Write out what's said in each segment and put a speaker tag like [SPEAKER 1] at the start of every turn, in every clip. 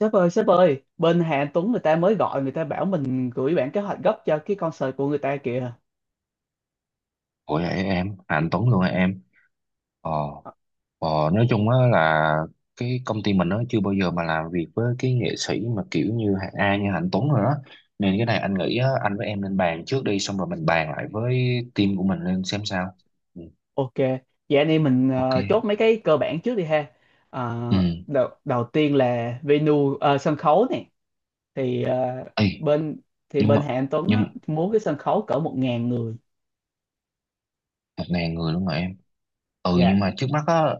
[SPEAKER 1] Sếp ơi, sếp ơi, bên Hà Anh Tuấn người ta mới gọi, người ta bảo mình gửi bản kế hoạch gấp cho cái concert của người ta kìa.
[SPEAKER 2] Ủa vậy em, à, anh Tuấn luôn hả em? Ờ,
[SPEAKER 1] Ờ,
[SPEAKER 2] ờ nói chung á là cái công ty mình nó chưa bao giờ mà làm việc với cái nghệ sĩ mà kiểu như hạng A như Hạnh Tuấn rồi đó. Nên cái này anh nghĩ á, anh với em nên bàn trước đi xong rồi mình bàn lại với team của mình lên xem sao. Ừ,
[SPEAKER 1] ok, vậy anh em mình
[SPEAKER 2] ok.
[SPEAKER 1] chốt mấy cái cơ bản trước đi ha.
[SPEAKER 2] Ừ.
[SPEAKER 1] Ờ, đầu tiên là venue, sân khấu này thì
[SPEAKER 2] Ê,
[SPEAKER 1] bên
[SPEAKER 2] nhưng
[SPEAKER 1] bên
[SPEAKER 2] mà
[SPEAKER 1] Hà Anh Tuấn á,
[SPEAKER 2] nhưng
[SPEAKER 1] muốn cái sân khấu cỡ một ngàn người.
[SPEAKER 2] 1.000 người luôn rồi em. Ừ
[SPEAKER 1] Dạ.
[SPEAKER 2] nhưng mà trước mắt á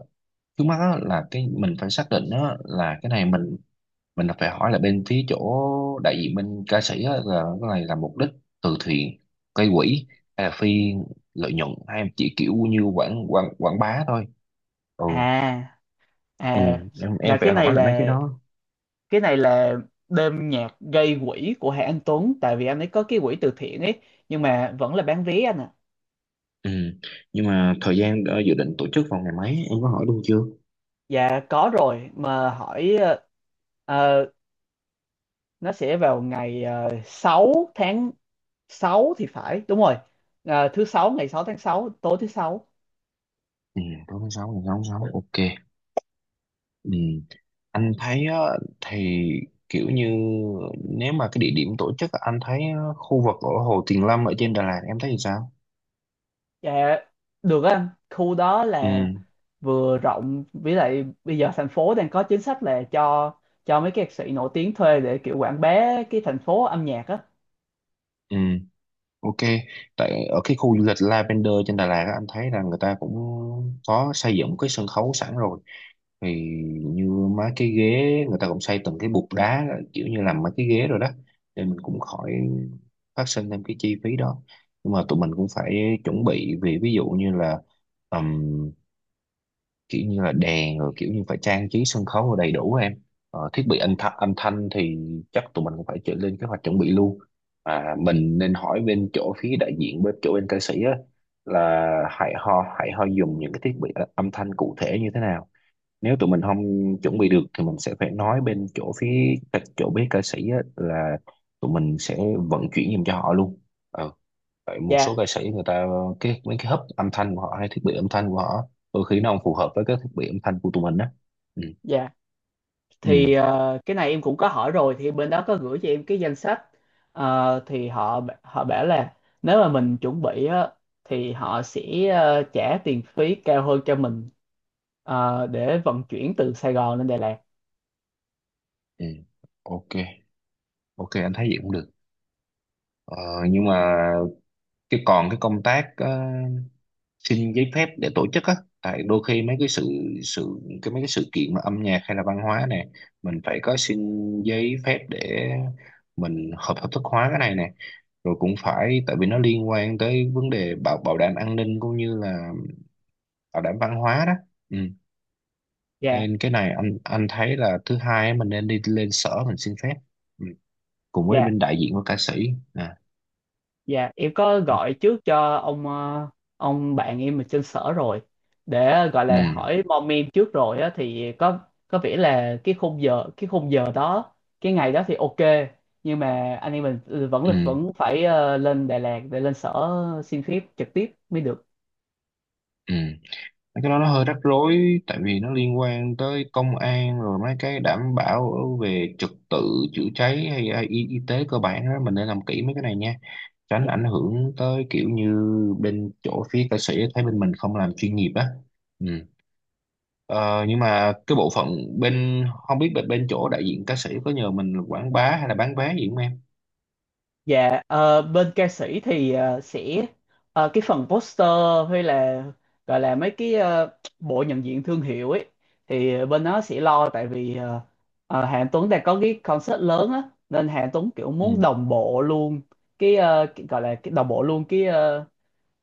[SPEAKER 2] trước mắt á là cái phải xác định á là cái này mình là phải hỏi là bên phía chỗ đại diện bên ca sĩ á, là cái này là mục đích từ thiện, gây quỹ hay là phi lợi nhuận hay em chỉ kiểu như quảng quảng quảng bá thôi. ừ,
[SPEAKER 1] À,
[SPEAKER 2] ừ
[SPEAKER 1] à,
[SPEAKER 2] em
[SPEAKER 1] là
[SPEAKER 2] em phải
[SPEAKER 1] cái này
[SPEAKER 2] hỏi là mấy cái
[SPEAKER 1] là,
[SPEAKER 2] đó.
[SPEAKER 1] cái này là đêm nhạc gây quỹ của Hà Anh Tuấn, tại vì anh ấy có cái quỹ từ thiện ấy, nhưng mà vẫn là bán vé anh ạ.
[SPEAKER 2] Ừ nhưng mà thời gian dự định tổ chức vào ngày mấy em có hỏi luôn chưa?
[SPEAKER 1] Dạ có rồi mà hỏi, ờ, nó sẽ vào ngày 6 tháng 6 thì phải, đúng rồi. Ờ, thứ sáu ngày 6 tháng sáu, tối thứ sáu.
[SPEAKER 2] Ừ, tối tháng sáu ngày 6 tháng 6, ok. Ừ anh thấy á, thì kiểu như nếu mà cái địa điểm tổ chức á, anh thấy khu vực ở Hồ Tuyền Lâm ở trên Đà Lạt em thấy thì sao?
[SPEAKER 1] Dạ được á anh, khu đó
[SPEAKER 2] Ừ.
[SPEAKER 1] là vừa rộng, với lại bây giờ thành phố đang có chính sách là cho mấy cái ca sĩ nổi tiếng thuê để kiểu quảng bá cái thành phố âm nhạc á.
[SPEAKER 2] Ừ. Ok, tại ở cái khu du lịch Lavender trên Đà Lạt á, anh thấy là người ta cũng có xây dựng cái sân khấu sẵn rồi. Thì như mấy cái ghế người ta cũng xây từng cái bục đá, kiểu như làm mấy cái ghế rồi đó, thì mình cũng khỏi phát sinh thêm cái chi phí đó. Nhưng mà tụi mình cũng phải chuẩn bị vì ví dụ như là kiểu như là đèn rồi kiểu như phải trang trí sân khấu rồi đầy đủ em. Thiết bị âm thanh thì chắc tụi mình cũng phải chuẩn lên kế hoạch chuẩn bị luôn. Mình nên hỏi bên chỗ phía đại diện bên chỗ bên ca sĩ á, là hãy ho dùng những cái thiết bị âm thanh cụ thể như thế nào. Nếu tụi mình không chuẩn bị được thì mình sẽ phải nói bên chỗ phía các chỗ bé ca sĩ á, là tụi mình sẽ vận chuyển giùm cho họ luôn. Ừ, tại một số
[SPEAKER 1] Dạ,
[SPEAKER 2] ca sĩ người ta cái mấy cái hub âm thanh của họ hay thiết bị âm thanh của họ đôi khi nó không phù hợp với cái thiết bị âm thanh của tụi mình á. Ừ.
[SPEAKER 1] dạ.
[SPEAKER 2] Ừ.
[SPEAKER 1] Thì cái này em cũng có hỏi rồi, thì bên đó có gửi cho em cái danh sách. Ờ, thì họ họ bảo là nếu mà mình chuẩn bị á, thì họ sẽ trả tiền phí cao hơn cho mình, ờ, để vận chuyển từ Sài Gòn lên Đà Lạt.
[SPEAKER 2] Ừ. Ok, ok anh thấy vậy cũng được. ờ, nhưng mà còn cái công tác xin giấy phép để tổ chức á, tại đôi khi mấy cái sự sự cái mấy cái sự kiện mà âm nhạc hay là văn hóa này mình phải có xin giấy phép để mình hợp hợp thức hóa cái này nè. Rồi cũng phải tại vì nó liên quan tới vấn đề bảo bảo đảm an ninh cũng như là bảo đảm văn hóa đó. Ừ.
[SPEAKER 1] Dạ,
[SPEAKER 2] Nên cái này anh thấy là thứ hai á, mình nên đi lên sở mình xin phép, ừ, cùng với
[SPEAKER 1] dạ.
[SPEAKER 2] bên đại diện của ca sĩ. À.
[SPEAKER 1] Dạ, em có
[SPEAKER 2] ok.
[SPEAKER 1] gọi trước cho ông, ông bạn em ở trên sở rồi, để gọi là
[SPEAKER 2] Ừ.
[SPEAKER 1] hỏi mom em trước rồi á, thì có vẻ là cái khung giờ đó, cái ngày đó thì ok, nhưng mà anh em mình
[SPEAKER 2] Ừ.
[SPEAKER 1] vẫn phải lên Đà Lạt để lên sở xin phép trực tiếp mới được.
[SPEAKER 2] Ừ. Mấy cái đó nó hơi rắc rối tại vì nó liên quan tới công an rồi mấy cái đảm bảo về trật tự chữa cháy hay y tế cơ bản đó, mình nên làm kỹ mấy cái này nha, tránh ảnh
[SPEAKER 1] Dạ.
[SPEAKER 2] hưởng tới kiểu như bên chỗ phía ca sĩ thấy bên mình không làm chuyên nghiệp á. Ừ. Ờ, nhưng mà cái bộ phận bên không biết bên bên chỗ đại diện ca sĩ có nhờ mình quảng bá hay là bán vé gì không em?
[SPEAKER 1] Dạ, ờ, bên ca sĩ thì sẽ, ờ, cái phần poster hay là gọi là mấy cái, bộ nhận diện thương hiệu ấy, thì bên đó sẽ lo, tại vì Hà Anh Tuấn đang có cái concert lớn á, nên Hà Anh Tuấn kiểu
[SPEAKER 2] Ừ.
[SPEAKER 1] muốn đồng bộ luôn cái, ờ, cái- gọi là cái đồng bộ luôn cái,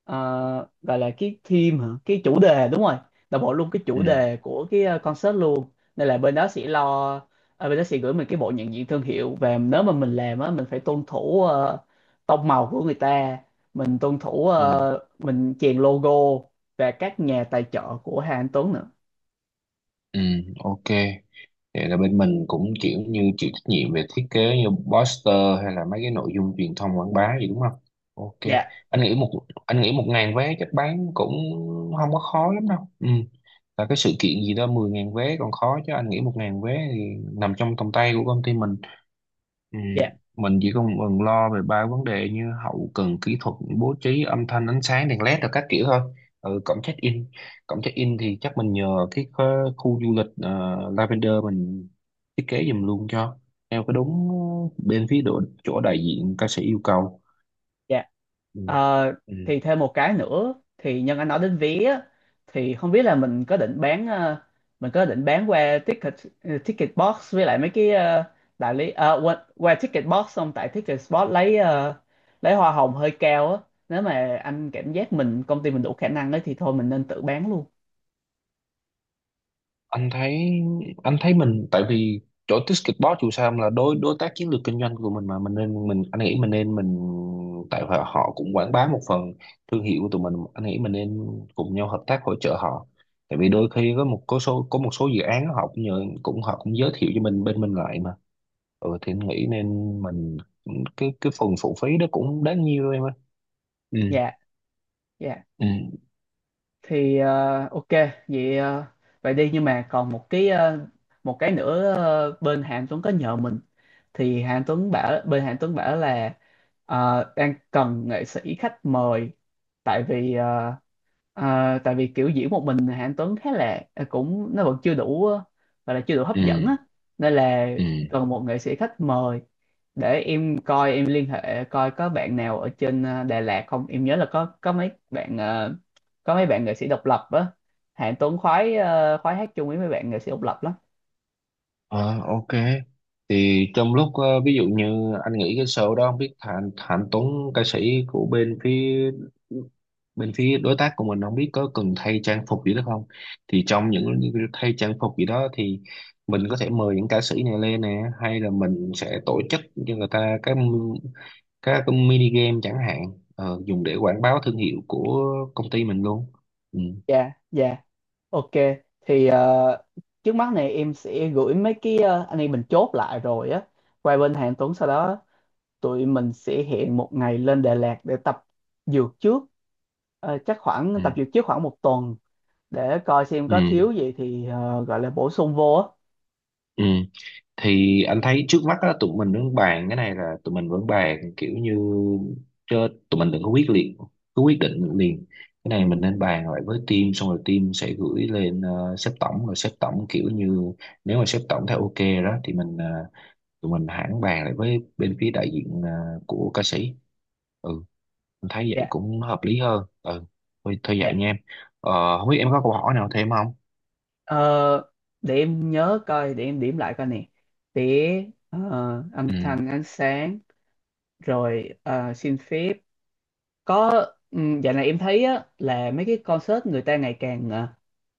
[SPEAKER 1] ờ, gọi là cái theme hả, cái chủ đề, đúng rồi, là bộ luôn cái
[SPEAKER 2] Ừ.
[SPEAKER 1] chủ đề của cái, concert luôn. Nên là bên đó sẽ lo, ờ, bên đó sẽ gửi mình cái bộ nhận diện thương hiệu, và nếu mà mình làm á mình phải tuân thủ tông màu của người ta, mình tuân thủ,
[SPEAKER 2] Ừ.
[SPEAKER 1] mình chèn logo và các nhà tài trợ của Hà Anh Tuấn nữa.
[SPEAKER 2] Ừ. Ok. Vậy là bên mình cũng kiểu như chịu trách nhiệm về thiết kế như poster hay là mấy cái nội dung truyền thông quảng bá gì đúng không? Ok.
[SPEAKER 1] Dạ.
[SPEAKER 2] Anh nghĩ một anh nghĩ 1.000 vé chắc bán cũng không có khó lắm đâu. Ừ. Là cái sự kiện gì đó 10.000 vé còn khó chứ anh nghĩ một ngàn vé thì nằm trong tầm tay của công ty mình. Ừ,
[SPEAKER 1] Dạ,
[SPEAKER 2] mình chỉ còn còn lo về 3 vấn đề như hậu cần kỹ thuật, bố trí âm thanh, ánh sáng, đèn led rồi các kiểu thôi. Ừ, cổng check in thì chắc mình nhờ cái khu khu du lịch Lavender mình thiết kế giùm luôn cho, theo cái đúng bên phía độ, chỗ đại diện ca sĩ yêu cầu.
[SPEAKER 1] dạ.
[SPEAKER 2] Ừ.
[SPEAKER 1] Ờ,
[SPEAKER 2] Ừ.
[SPEAKER 1] thì thêm một cái nữa, thì nhân anh nói đến vé á, thì không biết là mình có định bán, mình có định bán qua ticket, ticket box với lại mấy cái đại lý, ờ, qua ticket box, xong tại ticket spot lấy, lấy hoa hồng hơi cao á. Nếu mà anh cảm giác mình, công ty mình đủ khả năng ấy, thì thôi mình nên tự bán luôn.
[SPEAKER 2] anh thấy anh thấy mình tại vì chỗ Ticketbox dù sao là đối đối tác chiến lược kinh doanh của mình mà mình nên mình anh nghĩ mình nên. Tại họ họ cũng quảng bá một phần thương hiệu của tụi mình, anh nghĩ mình nên cùng nhau hợp tác hỗ trợ họ. Tại vì đôi khi có một số dự án họ cũng giới thiệu cho mình bên mình lại mà. Ừ thì anh nghĩ nên mình cái phần phụ phí đó cũng đáng nhiêu em ơi. Ừ.
[SPEAKER 1] Dạ, dạ.
[SPEAKER 2] Ừ.
[SPEAKER 1] Thì ờ, ok, vậy ờ, vậy đi, nhưng mà còn một cái, một cái nữa ờ, bên Hà Anh Tuấn có nhờ mình. Thì Hà Anh Tuấn bảo bên Hà Anh Tuấn bảo là, ờ, đang cần nghệ sĩ khách mời, tại vì Ờ, tại vì kiểu diễn một mình thì Anh Tuấn khá là, cũng nó vẫn chưa đủ, gọi là chưa đủ hấp
[SPEAKER 2] Ừ.
[SPEAKER 1] dẫn á, nên là
[SPEAKER 2] Ừ.
[SPEAKER 1] cần một nghệ sĩ khách mời. Để em coi, em liên hệ coi có bạn nào ở trên Đà Lạt không. Em nhớ là có mấy bạn, có mấy bạn nghệ sĩ độc lập á, Hạng Tuấn khoái, khoái hát chung với mấy bạn nghệ sĩ độc lập lắm.
[SPEAKER 2] Ờ, ok. Thì trong lúc ví dụ như anh nghĩ cái show đó không biết Thành Thành Tuấn, ca sĩ của bên phía đối tác của mình, không biết có cần thay trang phục gì đó không? Thì trong những thay trang phục gì đó thì mình có thể mời những ca sĩ này lên nè, hay là mình sẽ tổ chức cho người ta cái mini game chẳng hạn, dùng để quảng bá thương hiệu của công ty mình luôn. Ừ.
[SPEAKER 1] Dạ, dạ, ok. Thì ờ, trước mắt này em sẽ gửi mấy cái, anh em mình chốt lại rồi á, qua bên Hạng Tuấn. Sau đó tụi mình sẽ hẹn một ngày lên Đà Lạt để tập dược trước. Ờ, chắc khoảng
[SPEAKER 2] Ừ.
[SPEAKER 1] tập dược trước khoảng một tuần, để coi xem
[SPEAKER 2] Ừ.
[SPEAKER 1] có thiếu gì thì gọi là bổ sung vô á.
[SPEAKER 2] Ừ. Thì anh thấy trước mắt á, tụi mình vẫn bàn kiểu như chứ tụi mình đừng có quyết liệt cứ quyết định liền. Cái này mình nên bàn lại với team xong rồi team sẽ gửi lên sếp tổng, rồi sếp tổng kiểu như nếu mà sếp tổng thấy ok đó thì mình tụi mình hẳn bàn lại với bên phía đại diện của ca sĩ. Ừ, anh thấy vậy
[SPEAKER 1] Dạ
[SPEAKER 2] cũng hợp lý hơn. Ừ. Thôi vậy
[SPEAKER 1] dạ
[SPEAKER 2] nha em. Không biết em có câu hỏi nào thêm không?
[SPEAKER 1] Ờ, để em nhớ coi, để em điểm lại coi nè, để, ờ, âm
[SPEAKER 2] Ừ.
[SPEAKER 1] thanh, ánh sáng, rồi, xin phép, có, dạo này em thấy á, là mấy cái concert người ta ngày càng, ờ,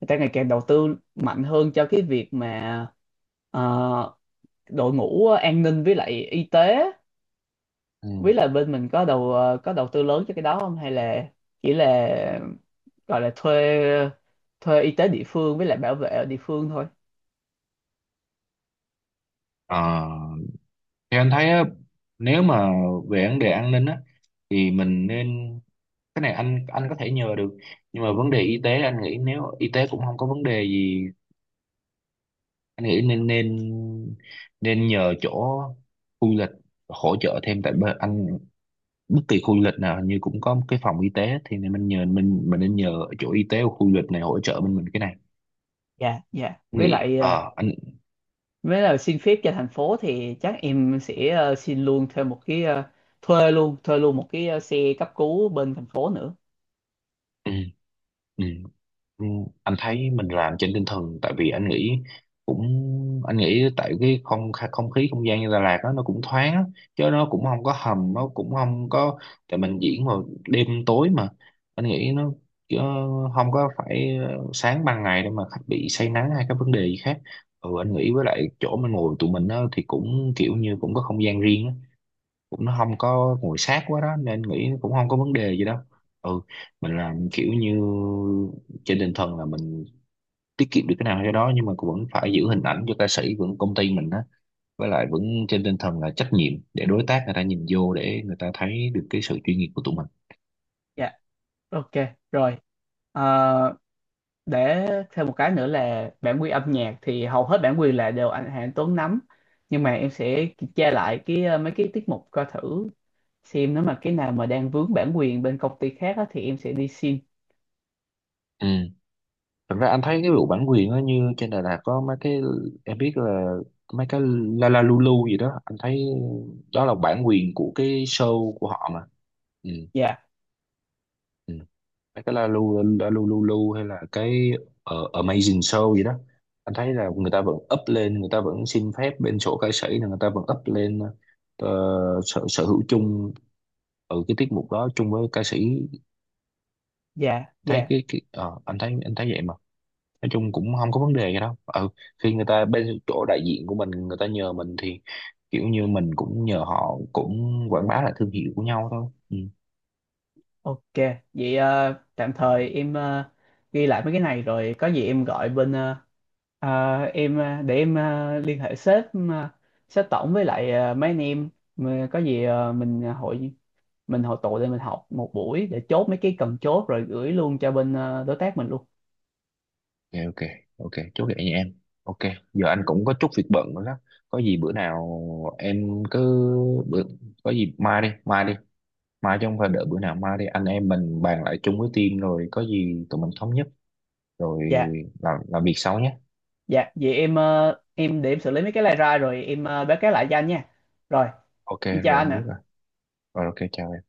[SPEAKER 1] người ta ngày càng đầu tư mạnh hơn cho cái việc mà, ờ, đội ngũ, an ninh với lại y tế.
[SPEAKER 2] Ừ.
[SPEAKER 1] Với biết là bên mình có đầu, có đầu tư lớn cho cái đó không, hay là chỉ là gọi là thuê, thuê y tế địa phương với lại bảo vệ ở địa phương thôi.
[SPEAKER 2] Ờ, Thì anh thấy á, nếu mà về vấn đề an ninh á thì mình nên cái này anh có thể nhờ được. Nhưng mà vấn đề y tế anh nghĩ nếu y tế cũng không có vấn đề gì, anh nghĩ nên nên nên nhờ chỗ khu du lịch hỗ trợ thêm. Tại bên anh, bất kỳ khu du lịch nào hình như cũng có một cái phòng y tế, thì nên mình nên nhờ chỗ y tế của khu du lịch này hỗ trợ bên mình cái này.
[SPEAKER 1] Dạ, dạ,
[SPEAKER 2] Anh
[SPEAKER 1] với
[SPEAKER 2] nghĩ
[SPEAKER 1] lại ờ,
[SPEAKER 2] ờ anh
[SPEAKER 1] với lại xin phép cho thành phố thì chắc em sẽ xin luôn thêm một cái, thuê luôn một cái, xe cấp cứu bên thành phố nữa.
[SPEAKER 2] Ừ, ừ. Ừ, anh thấy mình làm trên tinh thần tại vì anh nghĩ cũng anh nghĩ tại cái không khí, không gian như Đà Lạt đó, nó cũng thoáng á, chứ nó cũng không có hầm, nó cũng không có, tại mình diễn vào đêm tối mà, anh nghĩ nó chứ không có phải sáng ban ngày để mà khách bị say nắng hay các vấn đề gì khác. Ừ anh nghĩ với lại chỗ mình ngồi tụi mình á, thì cũng kiểu như cũng có không gian riêng á, cũng nó không có nguội sát quá đó nên nghĩ cũng không có vấn đề gì đâu. Ừ, mình làm kiểu như trên tinh thần là mình tiết kiệm được cái nào cho đó, nhưng mà cũng vẫn phải giữ hình ảnh cho ca sĩ vẫn công ty mình á, với lại vẫn trên tinh thần là trách nhiệm để đối tác người ta nhìn vô để người ta thấy được cái sự chuyên nghiệp của tụi mình.
[SPEAKER 1] Dạ, ok, rồi. Ờ, để thêm một cái nữa là bản quyền âm nhạc, thì hầu hết bản quyền là đều anh Hà Anh Tuấn nắm, nhưng mà em sẽ kiểm tra lại cái, mấy cái tiết mục coi thử xem, nếu mà cái nào mà đang vướng bản quyền bên công ty khác á, thì em sẽ đi xin.
[SPEAKER 2] Ừ. Thật ra anh thấy cái vụ bản quyền á, như trên Đà Lạt có mấy cái, em biết là mấy cái La La Lulu gì đó anh thấy đó là bản quyền của cái show của họ mà. Ừ.
[SPEAKER 1] Dạ,
[SPEAKER 2] Ừ. Mấy cái La Lu La Lu Lu Lu hay là cái Amazing Show gì đó anh thấy là người ta vẫn up lên, người ta vẫn xin phép bên sổ ca sĩ là người ta vẫn up lên ờ, sở, sở hữu chung ở cái tiết mục đó chung với ca sĩ.
[SPEAKER 1] dạ,
[SPEAKER 2] Thấy
[SPEAKER 1] dạ,
[SPEAKER 2] cái ờ, Anh thấy vậy mà, nói chung cũng không có vấn đề gì đâu. Ừ, khi người ta bên chỗ đại diện của mình người ta nhờ mình thì kiểu như mình cũng nhờ họ cũng quảng bá lại thương hiệu của nhau thôi. Ừ.
[SPEAKER 1] ok. Vậy ờ, tạm thời em, ghi lại mấy cái này, rồi có gì em gọi bên, liên hệ sếp, ờ, sếp tổng với lại, mấy anh em. Mà có gì mình hội tụ lên, mình học một buổi để chốt mấy cái cần chốt, rồi gửi luôn cho bên, đối tác mình luôn.
[SPEAKER 2] ok ok Ok chốt vậy nha em. Ok. Giờ anh cũng có chút việc bận nữa đó, có gì bữa nào em cứ bữa có gì mai, chứ không phải đợi bữa nào, mai đi anh em mình bàn lại chung với team rồi có gì tụi mình thống nhất rồi
[SPEAKER 1] Dạ.
[SPEAKER 2] làm việc sau nhé.
[SPEAKER 1] Dạ, vậy em, em để em xử lý mấy cái này ra, rồi em, báo cáo lại cho anh nha. Rồi,
[SPEAKER 2] Ok
[SPEAKER 1] em
[SPEAKER 2] rồi
[SPEAKER 1] chào anh
[SPEAKER 2] anh biết
[SPEAKER 1] ạ.
[SPEAKER 2] rồi. Rồi ok, chào em.